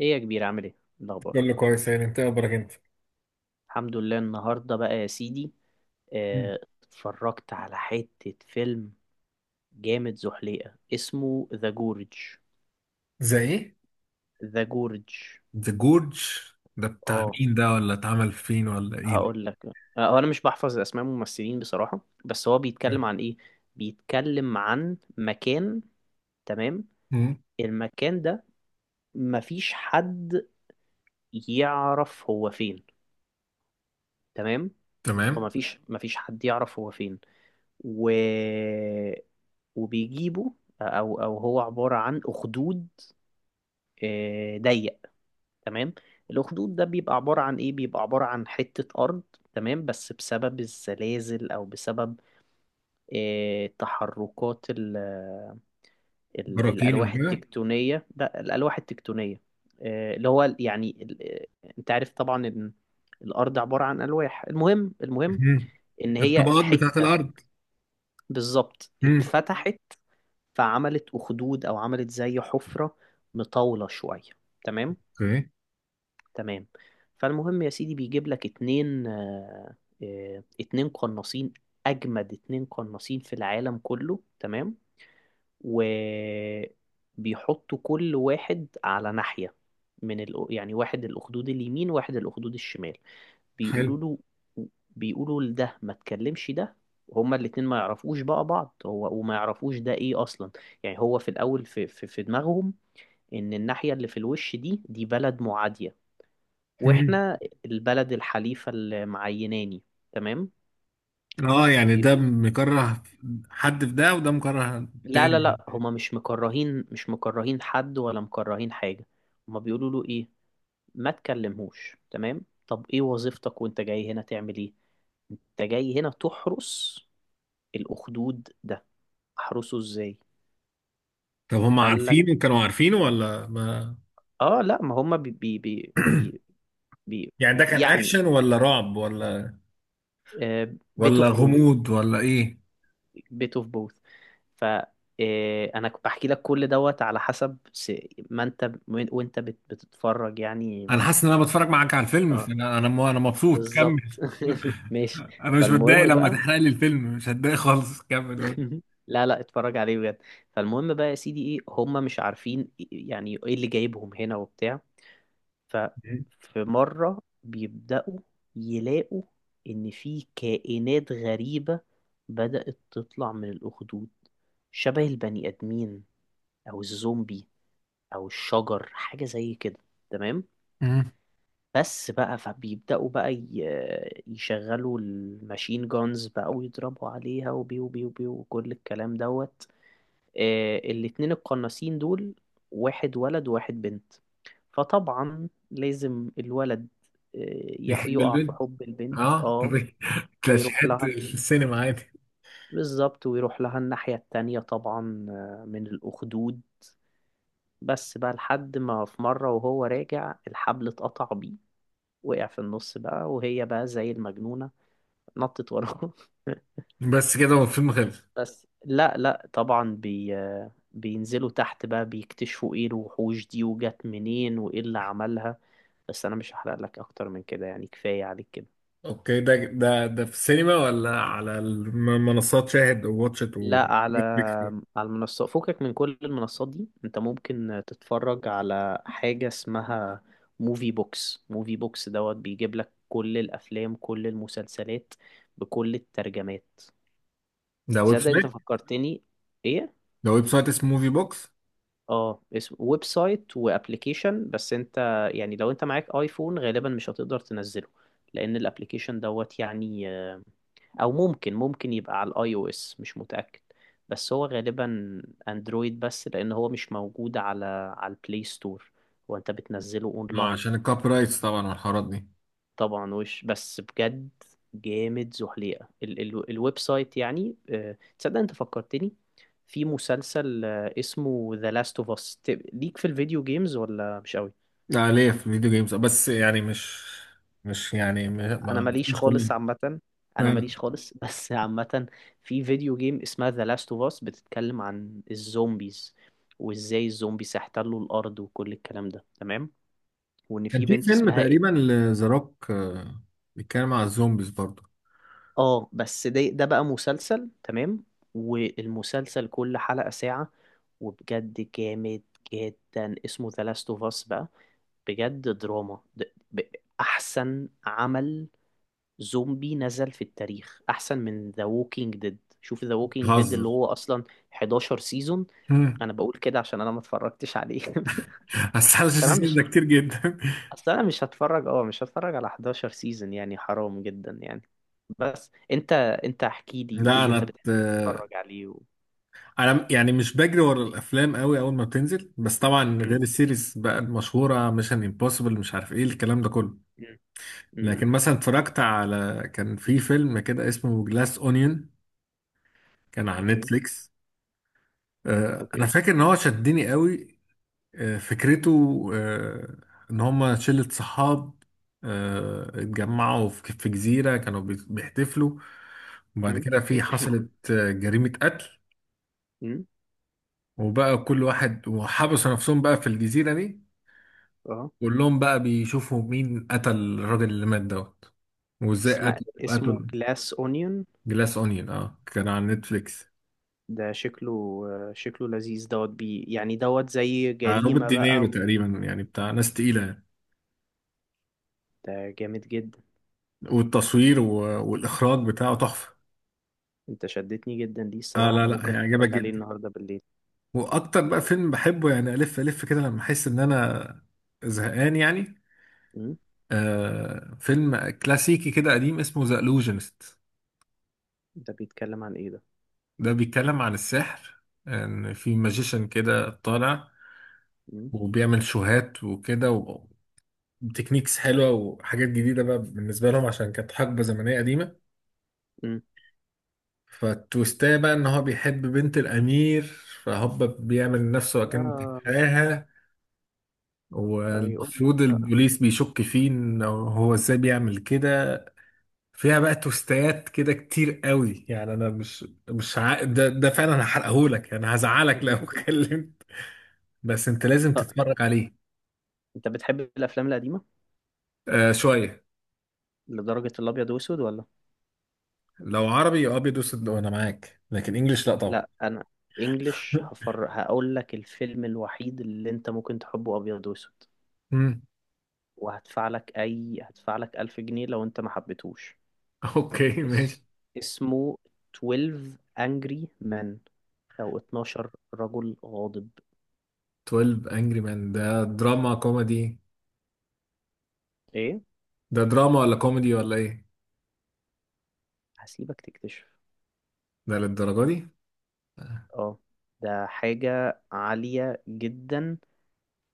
ايه يا كبير عامل ايه؟ إيه الاخبار؟ كله كويس يعني، انت إيه اخبارك انت؟ الحمد لله النهارده بقى يا سيدي. مم. آه، اتفرجت على حتة فيلم جامد زحليقة اسمه ذا جورج. زي ايه؟ ذا جورج. ذا جورج ده بتاع اه، مين؟ ده ولا اتعمل فين ولا ايه؟ هقول لك. هو انا مش بحفظ اسماء الممثلين بصراحة، بس هو بيتكلم عن ايه. بيتكلم عن مكان، تمام. مم. المكان ده مفيش حد يعرف هو فين، تمام. تمام. ومفيش مفيش حد يعرف هو فين. و وبيجيبوا. او هو عباره عن اخدود ضيق، تمام. الاخدود ده بيبقى عباره عن ايه؟ بيبقى عباره عن حته ارض، تمام. بس بسبب الزلازل او بسبب تحركات ال براكين الالواح وكده. التكتونيه، ده الالواح التكتونيه. اللي هو يعني انت عارف طبعا ان الارض عباره عن الواح. المهم مم. ان هي الطبقات بتاعت حته، الارض. بالظبط، مم. اتفتحت، فعملت أخدود أو عملت زي حفرة مطاولة شوية، تمام. اوكي. تمام. فالمهم يا سيدي بيجيب لك اتنين اتنين قناصين، أجمد اتنين قناصين في العالم كله، تمام. وبيحطوا كل واحد على ناحية من ال... يعني واحد الأخدود اليمين واحد الأخدود الشمال. بيقولوا حلو. له، بيقولوا لده ما تكلمش ده. هما الاتنين ما يعرفوش بقى بعض، هو وما يعرفوش ده ايه اصلا. يعني هو في الاول في دماغهم ان الناحية اللي في الوش دي بلد معادية، مم. واحنا البلد الحليفة اللي معيناني، تمام. اه يعني بي- ده مكره حد في ده، وده مكره لا لا تاني؟ لا، هما مش مكرهين، مش مكرهين حد ولا مكرهين حاجة. هما بيقولوا له ايه؟ ما تكلمهوش، تمام. طب ايه وظيفتك وانت جاي هنا تعمل ايه؟ انت جاي هنا تحرس الاخدود ده. احرسه ازاي؟ طب هم قال لك عارفينه، كانوا عارفينه ولا ما؟ اه. لا ما هم بي بي بي بي بي يعني ده كان يعني اكشن ولا رعب ولا بيت ولا اوف بوث، غموض ولا ايه؟ بيت اوف بوث. ف انا كنت بحكي لك كل دوت على حسب ما انت وانت بتتفرج يعني. انا حاسس ان انا بتفرج معاك على الفيلم، اه فانا انا مبسوط، بالظبط. كمل. ماشي. انا مش متضايق فالمهم لما بقى. تحرق لي الفيلم، مش هتضايق خالص، كمل قول. لا لا، اتفرج عليه بجد. فالمهم بقى يا سيدي، ايه هم مش عارفين إيه، يعني ايه اللي جايبهم هنا وبتاع. ففي مرة بيبدأوا يلاقوا ان في كائنات غريبة بدأت تطلع من الأخدود، شبه البني آدمين او الزومبي او الشجر حاجة زي كده، تمام. مم. بس بقى، فبيبدأوا بقى يشغلوا الماشين جونز بقى ويضربوا عليها، وبيو بيو بيو وكل الكلام دوت. الاتنين القناصين دول واحد ولد وواحد بنت. فطبعا لازم الولد آه، بيحب يقع في البنت. حب البنت، اه اه. طب ويروح كلاشيهات لها السينما عادي. بالظبط، ويروح لها الناحية التانية طبعا من الأخدود. بس بقى لحد ما في مرة وهو راجع، الحبل اتقطع بيه، وقع في النص بقى، وهي بقى زي المجنونة نطت وراه. بس كده هو الفيلم خلص؟ بس لا لا طبعا بينزلوا تحت بقى، بيكتشفوا ايه الوحوش دي وجت منين وايه اللي عملها. بس انا مش هحرق لك اكتر من كده يعني، كفاية عليك كده. اوكي. ده ده في السينما ولا على منصات شاهد وواتشت لا، على ونتفليكس؟ على المنصات. فكك من كل المنصات دي، انت ممكن تتفرج على حاجة اسمها موفي بوكس. موفي بوكس دوت بيجيب لك كل الافلام كل المسلسلات بكل الترجمات. ده ويب تصدق انت سايت؟ فكرتني؟ ايه، ده ويب سايت اسمه موفي بوكس. اه اسم ويب سايت وابلكيشن. بس انت يعني لو انت معاك ايفون غالبا مش هتقدر تنزله، لان الابلكيشن دوت يعني او ممكن يبقى على الاي او اس، مش متأكد. بس هو غالبا اندرويد، بس لان هو مش موجود على على البلاي ستور، وانت بتنزله اونلاين. عشان الكوبي رايتس طبعا والحوارات دي. طبعا. وش، بس بجد جامد زحليقة ال الويب سايت يعني. تصدق انت فكرتني؟ في مسلسل اسمه ذا لاست اوف اس. ليك في الفيديو جيمز ولا مش قوي. لا ليه في الفيديو جيمز، بس يعني مش انا ماليش مش خالص كومنت. عامة، انا ماليش خالص بس عامة في فيديو جيم اسمها ذا لاست اوف اس بتتكلم عن الزومبيز، وازاي الزومبيز هيحتلوا الارض وكل الكلام ده، تمام. وان كان في في بنت فيلم اسمها. تقريبا لذا روك، بيتكلم على الزومبيز برضه. اه بس ده ده بقى مسلسل، تمام. والمسلسل كل حلقة ساعة، وبجد جامد جدا اسمه ذا لاست اوف اس بقى. بجد دراما، احسن عمل زومبي نزل في التاريخ، احسن من ذا ووكينج ديد. شوف ذا ووكينج ديد اللي بتهزر. هو اصلا 11 سيزون. مم. انا بقول كده عشان انا ما اتفرجتش عليه. بس 25 تمام. سيزون ده كتير جدا. اصل انا مش هتفرج، اه مش هتفرج على 11 سيزون يعني، حرام جدا يعني. بس انت، انت احكي لي ايه لا اللي انت انا ت... بتحب تتفرج عليه و... انا يعني مش بجري ورا الافلام قوي اول ما بتنزل، بس طبعا م؟ غير السيريز بقى المشهوره ميشن امبوسيبل مش عارف ايه الكلام ده كله. م- م- لكن م. مثلا اتفرجت على، كان في فيلم كده اسمه جلاس اونيون، كان على اوكي. نتفليكس. انا اوكي. فاكر ان هو شدني قوي. فكرته، ان هما شلة صحاب، اتجمعوا في جزيرة كانوا بيحتفلوا، وبعد م؟ كده في، حصلت جريمة قتل. م؟ وبقى كل واحد، وحبسوا نفسهم بقى في الجزيرة دي، اه، كلهم بقى بيشوفوا مين قتل الراجل اللي مات دوت، وازاي اسمه قتل اسمه قتل جلاس اونيون. جلاس اونيون، اه كان على نتفليكس. ده شكله شكله لذيذ دوت، يعني دوت زي روبرت جريمة بقى دينيرو و. تقريبا، يعني بتاع ناس تقيلة يعني. ده جامد جدا. والإخراج بتاعه تحفة. انت شدتني جدا ليه اه الصراحة، لا انا لا ممكن هيعجبك اتفرج عليه جدا. النهاردة بالليل. واكتر بقى فيلم بحبه، يعني الف الف كده لما احس ان انا زهقان يعني، م؟ آه فيلم كلاسيكي كده قديم اسمه ذا الوجنست. ده بيتكلم عن ايه ده؟ ده بيتكلم عن السحر، ان في ماجيشن كده طالع م؟ وبيعمل شوهات وكده وتكنيكس حلوه وحاجات جديده بقى بالنسبه لهم عشان كانت حقبه زمنيه قديمه. م. فالتويستايه بقى ان هو بيحب بنت الامير، فهوبا بيعمل نفسه اكنه اه، بيحبها. يقول لي والمفروض بقى. البوليس بيشك فيه ان هو ازاي بيعمل كده. فيها بقى توستات كده كتير قوي يعني، انا مش مش ع... ده ده فعلا هحرقهولك، انا هزعلك لو اتكلمت. بس انت لازم طب تتفرج عليه. انت بتحب الافلام القديمه آه شوية. لدرجه الابيض واسود ولا؟ لو عربي ابيض واسود انا معاك، لكن انجليش لا طبعا. لا، انا انجلش هفر. هقول لك الفيلم الوحيد اللي انت ممكن تحبه ابيض واسود، امم. وهدفع لك اي هدفع لك 1000 جنيه لو انت ما حبيتهوش. اوكي اس... ماشي. اسمه 12 Angry Men او 12 رجل غاضب. 12 انجري مان ده دراما كوميدي؟ ايه؟ ده دراما ولا كوميدي ولا ايه؟ هسيبك تكتشف. ده للدرجة دي؟ اه، ده حاجة عالية جدا،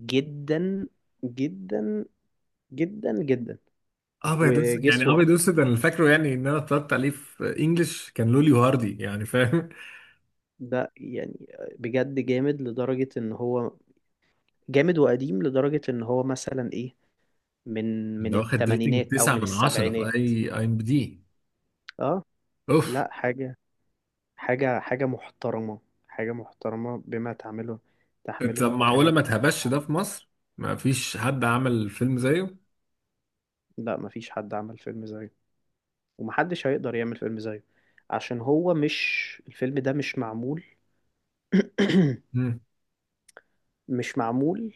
جدا، جدا، جدا، جدا. ابيض اسود وجس يعني، ابيض وات؟ اسود انا فاكره، يعني ان انا اتفرجت عليه في انجلش، كان لولي وهاردي يعني فاهم. ده يعني بجد جامد لدرجة ان هو، جامد وقديم لدرجة ان هو مثلا ايه، من ده واخد ريتنج التمانينات او 9 من التسعينات. من 10 في السبعينات. اي اي ام بي دي. اه. اوف. لا حاجة، حاجة حاجة محترمة، حاجة محترمة بما تعمله، طب تحمله معقوله ما كلمة. اتهبش ده في مصر؟ ما فيش حد عمل فيلم زيه؟ لا مفيش حد عمل فيلم زيه، ومحدش هيقدر يعمل فيلم زيه، عشان هو مش الفيلم ده مش معمول. امم. مش معمول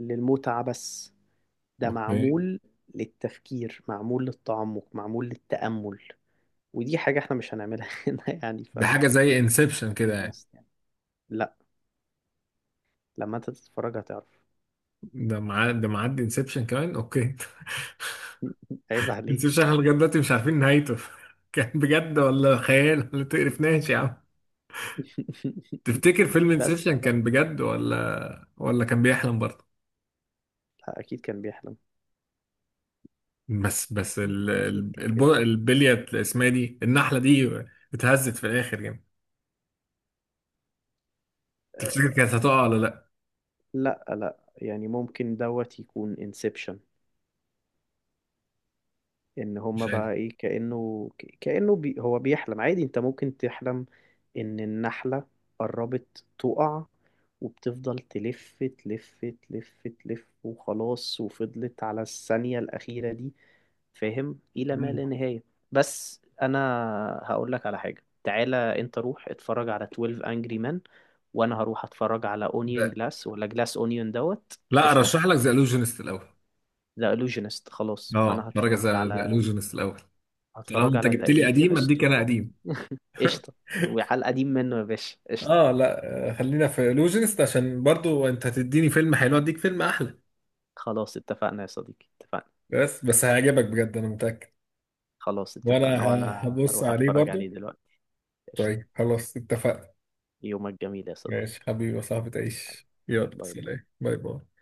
للمتعة بس، ده اوكي. معمول للتفكير، معمول للتعمق، معمول للتأمل. ودي حاجة احنا مش هنعملها هنا يعني، ف ده حاجه let's زي انسبشن be كده يعني. honest يعني. لا، لما انت تتفرج هتعرف. ده مع ده، معدي انسبشن كمان، اوكي. عيب عليه. انسبشن احنا لغايه دلوقتي مش عارفين نهايته. كان بجد ولا خيال؟ ولا تقرفناش يا عم. تفتكر فيلم بس انسبشن بقى، كان بجد، ولا ولا كان بيحلم برضه؟ لا اكيد كان بيحلم. بس بس اكيد ال- اكيد ال- كان الب- بيحلم. البلية اسمها دي، النحلة دي اتهزت في الآخر يعني، تفتكر أه كانت هتقع ولا لأ؟ لا لا، يعني ممكن دوت يكون انسبشن. ان هما مش عارف. بقى ايه كأنه كأنه هو بيحلم عادي. انت ممكن تحلم ان النحلة قربت تقع وبتفضل تلف تلف، تلف تلف، وخلاص، وفضلت على الثانية الأخيرة دي فاهم، إلى ما مم. لا نهاية. بس أنا هقول لك على حاجة، تعالى أنت روح اتفرج على 12 Angry Men، وأنا هروح أتفرج على Onion لا، Glass ولا Glass Onion دوت، لا، قشطة. أرشح لك ذا إلوجينست الأول. ده Illusionist، خلاص أه أنا اتفرج هتفرج على ذا على، إلوجينست الأول. طالما هتفرج أنت على ذا جبت لي قديم illusionist أديك أنا و. قديم. قشطة، وعلى القديم منه يا باشا قشطة. أه لا خلينا في إلوجينست، عشان برضو أنت هتديني فيلم حلو أديك فيلم أحلى. خلاص اتفقنا يا صديقي، اتفقنا. بس هيعجبك بجد، أنا متأكد. خلاص اتفقنا، وانا هبص هروح عليه اتفرج برضو. عليه دلوقتي. قشطة. طيب خلاص اتفقنا. يومك جميل يا ماشي صديقي. حبيبي يا صاحبي، تعيش، يلا باي باي. سلام، باي باي.